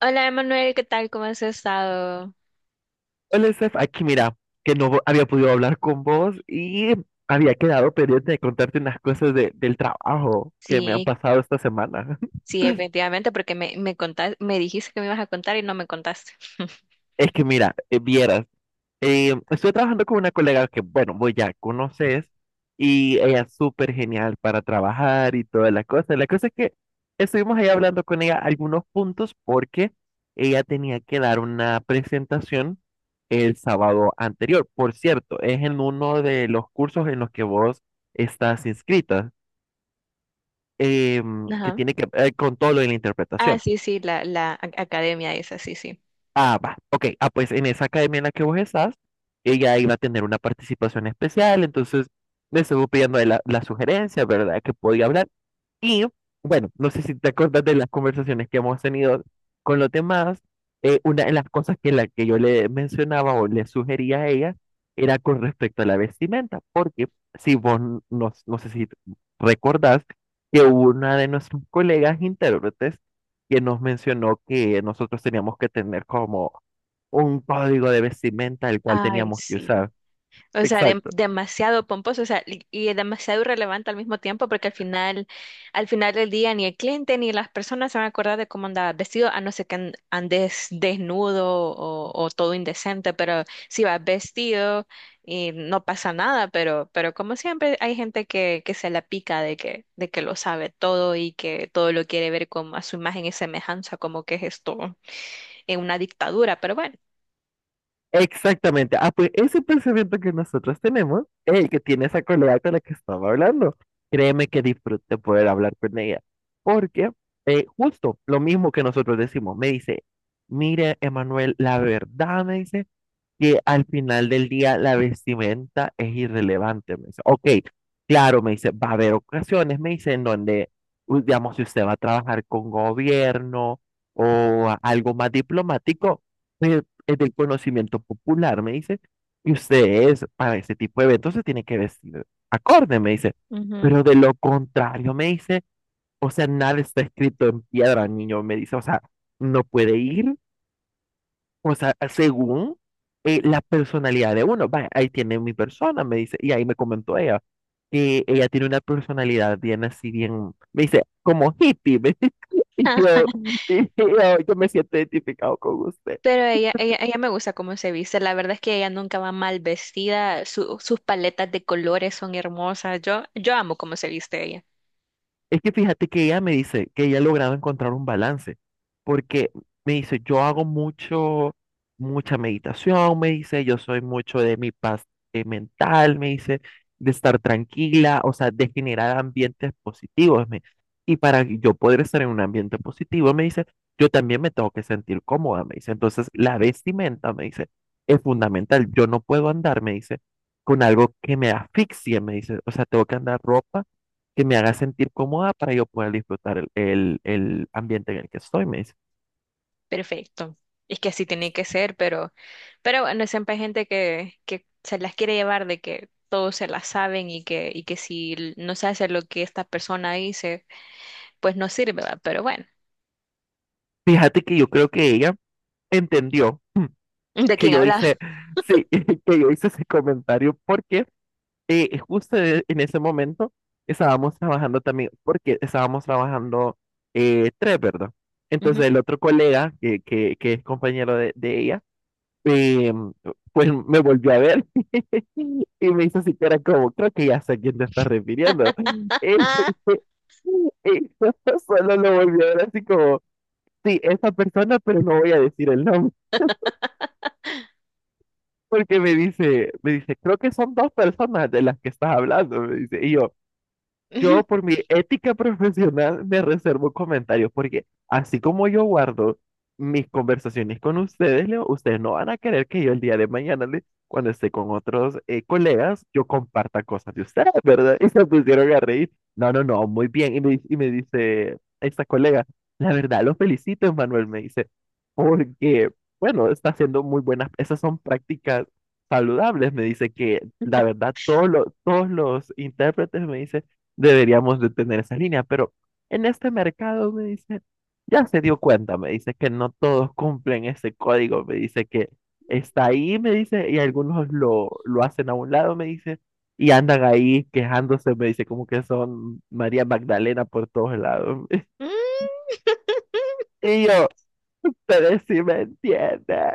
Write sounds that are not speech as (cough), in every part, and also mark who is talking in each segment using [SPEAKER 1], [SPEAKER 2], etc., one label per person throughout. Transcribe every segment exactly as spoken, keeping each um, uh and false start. [SPEAKER 1] Hola, Emanuel, ¿qué tal? ¿Cómo has estado?
[SPEAKER 2] Hola, Steph, aquí mira, que no había podido hablar con vos y había quedado pendiente de contarte unas cosas de- del trabajo que me han
[SPEAKER 1] Sí,
[SPEAKER 2] pasado esta semana. (laughs)
[SPEAKER 1] sí, efectivamente, porque me, me contas- me dijiste que me ibas a contar y no me contaste. (laughs)
[SPEAKER 2] Es que mira, eh, vieras. Eh, estoy trabajando con una colega que, bueno, vos ya conoces y ella es súper genial para trabajar y toda la cosa. La cosa es que estuvimos ahí hablando con ella algunos puntos porque ella tenía que dar una presentación el sábado anterior. Por cierto, es en uno de los cursos en los que vos estás inscrita, em, que
[SPEAKER 1] Ajá.
[SPEAKER 2] tiene que ver con todo lo de la
[SPEAKER 1] Ah,
[SPEAKER 2] interpretación.
[SPEAKER 1] sí, sí, la, la a- academia esa, sí, sí.
[SPEAKER 2] Ah, va. Ok. Ah, pues en esa academia en la que vos estás, ella iba a tener una participación especial, entonces le estuvo pidiendo la, la sugerencia, ¿verdad? Que podía hablar. Y bueno, no sé si te acuerdas de las conversaciones que hemos tenido con los demás. Eh, una de las cosas que, la que yo le mencionaba o le sugería a ella era con respecto a la vestimenta, porque si vos, n- no, no sé si t- recordás que hubo una de nuestros colegas intérpretes que nos mencionó que nosotros teníamos que tener como un código de vestimenta el cual
[SPEAKER 1] Ay,
[SPEAKER 2] teníamos que
[SPEAKER 1] sí.
[SPEAKER 2] usar.
[SPEAKER 1] O sea, dem-
[SPEAKER 2] Exacto.
[SPEAKER 1] demasiado pomposo, o sea, y, y demasiado irrelevante al mismo tiempo, porque al final, al final del día ni el cliente ni las personas se van a acordar de cómo andaba vestido, a no ser que an- andes desnudo o, o todo indecente, pero si vas vestido y no pasa nada, pero, pero como siempre hay gente que, que se la pica de que, de que lo sabe todo y que todo lo quiere ver como a su imagen y semejanza, como que es esto en una dictadura, pero
[SPEAKER 2] Exactamente. Ah, pues ese pensamiento que nosotros tenemos es el que tiene esa colega con la que estaba hablando. Créeme que disfruté poder hablar con ella. Porque eh, justo lo mismo que nosotros decimos, me dice, mire, Emanuel, la verdad, me dice, que al final del día la vestimenta es irrelevante. Me dice, ok, claro, me dice, va a haber ocasiones, me dice, en donde, u- digamos, si usted va a trabajar con gobierno o a- algo más diplomático, pues, es del conocimiento popular, me dice, y usted es, para ese tipo de eventos se tiene que vestir acorde, me dice,
[SPEAKER 1] bueno.
[SPEAKER 2] pero de lo contrario, me dice, o sea, nada está escrito en piedra, niño, me dice, o sea, no puede ir, o sea, según eh, la personalidad de uno, va, ahí tiene mi persona, me dice, y ahí me comentó ella, que ella tiene una personalidad bien así, bien, me dice, como hippie, me dice, (laughs) y yo, y yo, yo me siento identificado con usted.
[SPEAKER 1] Pero ella, ella, ella me gusta cómo se viste. La verdad es que ella nunca va mal vestida. Su- sus paletas de colores son hermosas. Yo, yo amo cómo se viste ella.
[SPEAKER 2] Es que fíjate que ella me dice que ella ha logrado encontrar un balance, porque me dice, yo hago mucho, mucha meditación, me dice, yo soy mucho de mi paz eh, mental, me dice, de estar tranquila, o sea, de generar ambientes positivos. Me, y para que yo poder estar en un ambiente positivo, me dice, yo también me tengo que sentir cómoda, me dice. Entonces, la vestimenta, me dice, es fundamental. Yo no puedo andar, me dice, con algo que me asfixie, me dice. O sea, tengo que andar ropa que me haga sentir cómoda para yo poder disfrutar el, el, el ambiente en el que estoy, me dice.
[SPEAKER 1] Perfecto. Es que así tiene que ser, pero, pero bueno, siempre hay gente que, que se las quiere llevar de que todos se las saben y que, y que si l- no se hace lo que esta persona dice, pues no sirve, ¿va? Pero bueno.
[SPEAKER 2] Fíjate que yo creo que ella entendió
[SPEAKER 1] (laughs) ¿De
[SPEAKER 2] que
[SPEAKER 1] quién
[SPEAKER 2] yo hice,
[SPEAKER 1] habla?
[SPEAKER 2] sí, (laughs) que yo hice ese comentario porque eh, justo e- en ese momento estábamos trabajando también, porque estábamos trabajando eh, tres, ¿verdad?
[SPEAKER 1] Ujú.
[SPEAKER 2] Entonces el otro colega, que, que, que es compañero de, de ella, eh, pues me volvió a ver. Y me hizo así cara como, creo que ya sé a quién te estás refiriendo. Y, (laughs) y (laughs) solo lo volvió a ver así como, sí, esa persona, pero no voy a decir el nombre. Porque me dice, me dice, creo que son dos personas de las que estás hablando. Me dice, y yo, Yo, por mi ética profesional, me reservo comentarios porque así como yo guardo mis conversaciones con ustedes, Leo, ustedes no van a querer que yo el día de mañana, le- cuando esté con otros eh, colegas, yo comparta cosas de ustedes, ¿verdad? (laughs) Y se pusieron a reír. No, no, no, muy bien. Y me, di- y me dice esta colega, la verdad, lo felicito, Manuel, me dice, porque, bueno, está haciendo muy buenas, esas son prácticas saludables. Me dice que la verdad, todos los, todos los intérpretes me dicen deberíamos de tener esa línea, pero en este mercado me dice, ya se dio cuenta, me dice que no todos cumplen ese código, me dice que está ahí, me dice, y algunos lo, lo hacen a un lado, me dice, y andan ahí quejándose, me dice, como que son María Magdalena por todos lados. (laughs)
[SPEAKER 1] (laughs)
[SPEAKER 2] Y yo, pero si me entiende.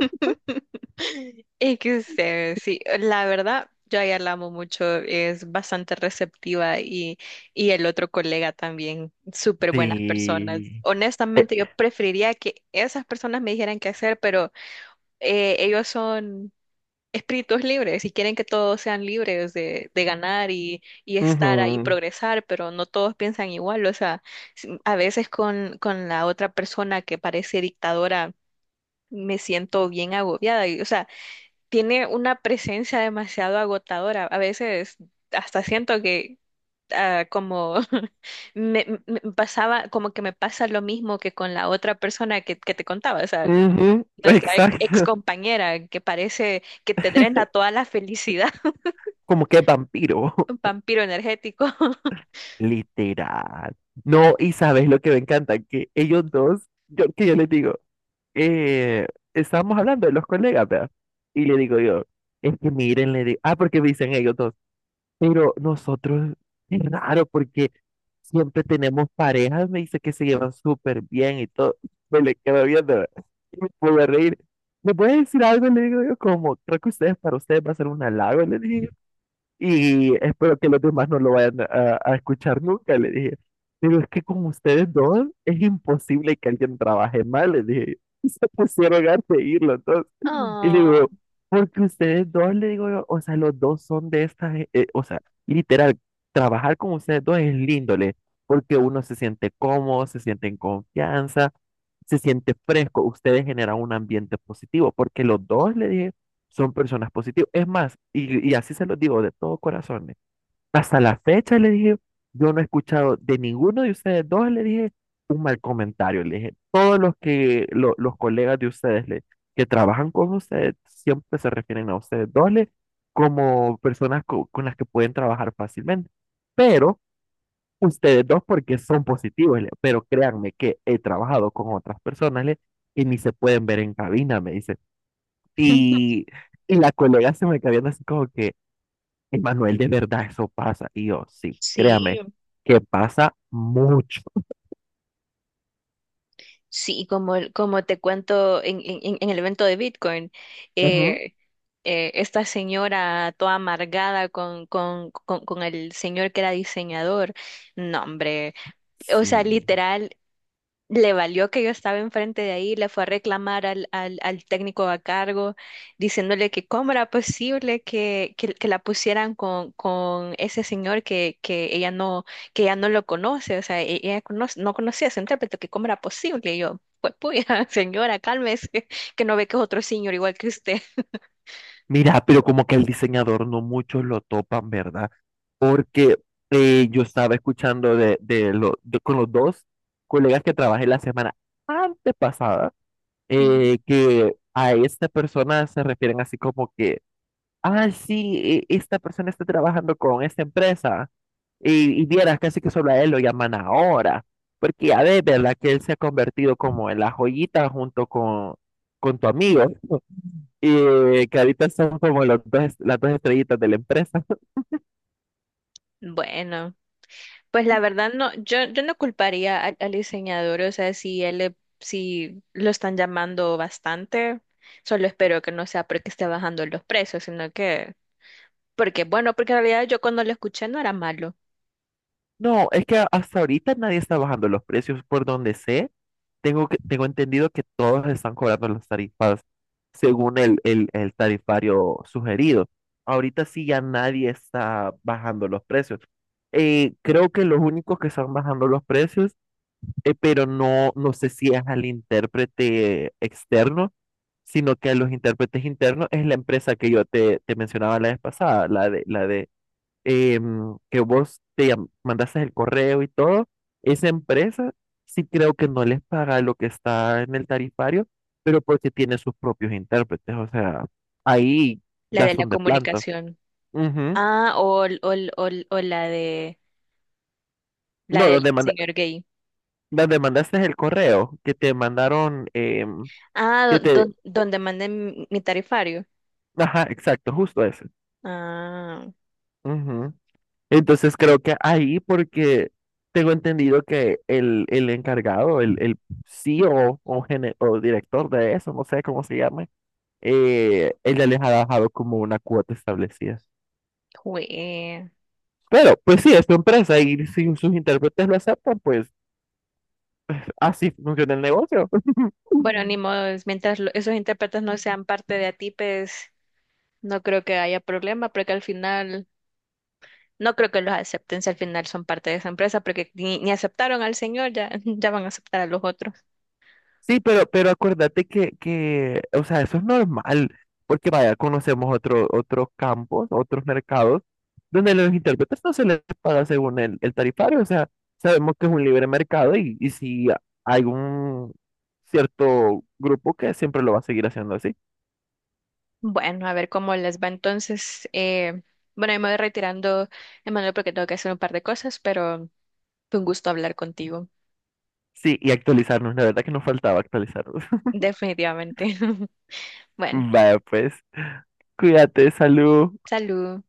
[SPEAKER 1] (laughs) Es que sé, sí, la verdad, yo a ella la amo mucho, es bastante receptiva y, y el otro colega también, súper buenas personas.
[SPEAKER 2] Sí. Eh,
[SPEAKER 1] Honestamente, yo preferiría que esas personas me dijeran qué hacer, pero eh, ellos son espíritus libres y quieren que todos sean libres de, de ganar y, y estar ahí,
[SPEAKER 2] ujú,
[SPEAKER 1] progresar, pero no todos piensan igual. O sea, si- a veces con, con la otra persona que parece dictadora, me siento bien agobiada. Y, O sea, tiene una presencia demasiado agotadora. A veces hasta siento que ah, como (laughs) me, me- me pasaba, como que me pasa lo mismo que con la otra persona que, que te contaba, o sea,
[SPEAKER 2] ujú, (laughs)
[SPEAKER 1] nuestra ex
[SPEAKER 2] exacto.
[SPEAKER 1] compañera que parece que te drena toda la felicidad, (laughs)
[SPEAKER 2] Como que vampiro.
[SPEAKER 1] un vampiro energético. (laughs)
[SPEAKER 2] Literal. No, y sabes lo que me encanta, que ellos dos, yo, que yo les digo, eh, estábamos hablando de los colegas, ¿verdad? Y le digo yo, es que miren, le digo, ah, porque me dicen ellos dos, pero nosotros, es raro, porque siempre tenemos parejas, me dice que se llevan súper bien y todo, (laughs) me le quedo viendo, ¿verdad? Y me puedo reír. ¿Me puede decir algo? Le digo yo, como, creo que ustedes, para ustedes va a ser un halago, le dije, y espero que los demás no lo vayan a, a escuchar nunca, le dije. Pero es que con ustedes dos es imposible que alguien trabaje mal, le dije. (laughs) Y se pusieron a seguirlo, entonces. Y le
[SPEAKER 1] Oh.
[SPEAKER 2] digo, porque ustedes dos, le digo yo, o sea, los dos son de estas, eh, eh, o sea, literal, trabajar con ustedes dos es lindo, le, porque uno se siente cómodo, se siente en confianza, se siente fresco, ustedes generan un ambiente positivo, porque los dos, le dije, son personas positivas. Es más, y, y así se los digo de todo corazón, eh, hasta la fecha le dije, yo no he escuchado de ninguno de ustedes dos, le dije un mal comentario, le dije, todos los que lo- los colegas de ustedes le, que trabajan con ustedes siempre se refieren a ustedes dos le, como personas co- con las que pueden trabajar fácilmente. Pero ustedes dos porque son positivos, le, pero créanme que he trabajado con otras personas le, que ni se pueden ver en cabina, me dice.
[SPEAKER 1] (laughs)
[SPEAKER 2] Y, y la colega se me quedó viendo así como que, Emanuel, de verdad eso pasa. Y yo, sí,
[SPEAKER 1] Sí,
[SPEAKER 2] créame, que pasa mucho.
[SPEAKER 1] sí, como, el- como te cuento en, en- en- en el evento de Bitcoin,
[SPEAKER 2] Ujú.
[SPEAKER 1] eh, eh, esta señora toda amargada con, con, con, con el señor que era diseñador, no, hombre, o sea,
[SPEAKER 2] Sí.
[SPEAKER 1] literal, le valió que yo estaba enfrente de ahí, le fue a reclamar al, al, al técnico a cargo, diciéndole que cómo era posible que, que, que la pusieran con, con ese señor que, que ella no, que ella no lo conoce, o sea, e- ella conoce- no conocía a ese intérprete, que cómo era posible. Y yo, pues puya, (laughs) señora, cálmese, que no ve que es otro señor igual que usted.
[SPEAKER 2] Mira, pero como que el diseñador no muchos lo topan, ¿verdad? Porque eh, yo estaba escuchando de, de, lo- de- con los dos colegas que trabajé la semana antepasada,
[SPEAKER 1] Ujú.
[SPEAKER 2] eh, que a esta persona se refieren así como que, ah, sí, e- esta persona está trabajando con esta empresa. Y, y vieras casi que solo a él lo llaman ahora, porque ya ves, ¿verdad? Que él se ha convertido como en la joyita junto con, con tu amigo, (laughs) y que ahorita son como los dos, las dos estrellitas de la empresa. (laughs)
[SPEAKER 1] Bueno. Pues la verdad no, yo, yo no culparía al, al diseñador, o sea, si él le- si lo están llamando bastante, solo espero que no sea porque esté bajando los precios, sino que porque bueno, porque en realidad yo cuando lo escuché no era malo,
[SPEAKER 2] No, es que hasta ahorita nadie está bajando los precios, por donde sé, tengo, que, tengo entendido que todos están cobrando las tarifas según el, el, el tarifario sugerido. Ahorita sí ya nadie está bajando los precios. Eh, creo que los únicos que están bajando los precios eh, pero no, no sé si es al intérprete externo, sino que a los intérpretes internos es la empresa que yo te, te mencionaba la vez pasada, la de, la de em, que vos te llam- mandaste el correo y todo. Esa empresa sí creo que no les paga lo que está en el tarifario, pero porque tiene sus propios intérpretes, o sea, ahí
[SPEAKER 1] la
[SPEAKER 2] ya
[SPEAKER 1] de la
[SPEAKER 2] son de planta.
[SPEAKER 1] comunicación.
[SPEAKER 2] Ujú.
[SPEAKER 1] Ah, o, el- o, el- o, el- o la de la
[SPEAKER 2] No,
[SPEAKER 1] del
[SPEAKER 2] donde manda,
[SPEAKER 1] señor gay.
[SPEAKER 2] donde mandaste el correo, que te mandaron, em,
[SPEAKER 1] Ah,
[SPEAKER 2] que
[SPEAKER 1] do-
[SPEAKER 2] te,
[SPEAKER 1] do- donde manden mi tarifario.
[SPEAKER 2] ajá, exacto, justo ese.
[SPEAKER 1] Ah,
[SPEAKER 2] Ujú. Entonces creo que ahí, porque tengo entendido que el, el encargado, el, el CEO o, o, gene- o director de eso, no sé cómo se llame, eh, él ya les ha dejado como una cuota establecida.
[SPEAKER 1] jue.
[SPEAKER 2] Pero, pues sí, es tu empresa y si sus intérpretes lo aceptan, pues así funciona el negocio.
[SPEAKER 1] Bueno, ni
[SPEAKER 2] (laughs)
[SPEAKER 1] modo, es mientras lo- esos intérpretes no sean parte de A T I P E S. No creo que haya problema porque al final, no creo que los acepten si al final son parte de esa empresa porque ni, ni aceptaron al señor, ya, (laughs) ya van a aceptar a los otros.
[SPEAKER 2] Sí, pero, pero acuérdate que, que, o sea, eso es normal, porque vaya, conocemos otro, otros campos, otros mercados, donde los intérpretes no se les paga según el, el tarifario, o sea, sabemos que es un libre mercado y, y si hay un cierto grupo que siempre lo va a seguir haciendo así.
[SPEAKER 1] Bueno, a ver cómo les va entonces. Eh, bueno, yo me voy retirando, Emanuel, porque tengo que hacer un par de cosas, pero fue un gusto hablar contigo,
[SPEAKER 2] Sí, y actualizarnos, la verdad que nos faltaba actualizarnos. (laughs)
[SPEAKER 1] definitivamente. (laughs) Bueno,
[SPEAKER 2] Vaya, pues, cuídate, salud.
[SPEAKER 1] salud.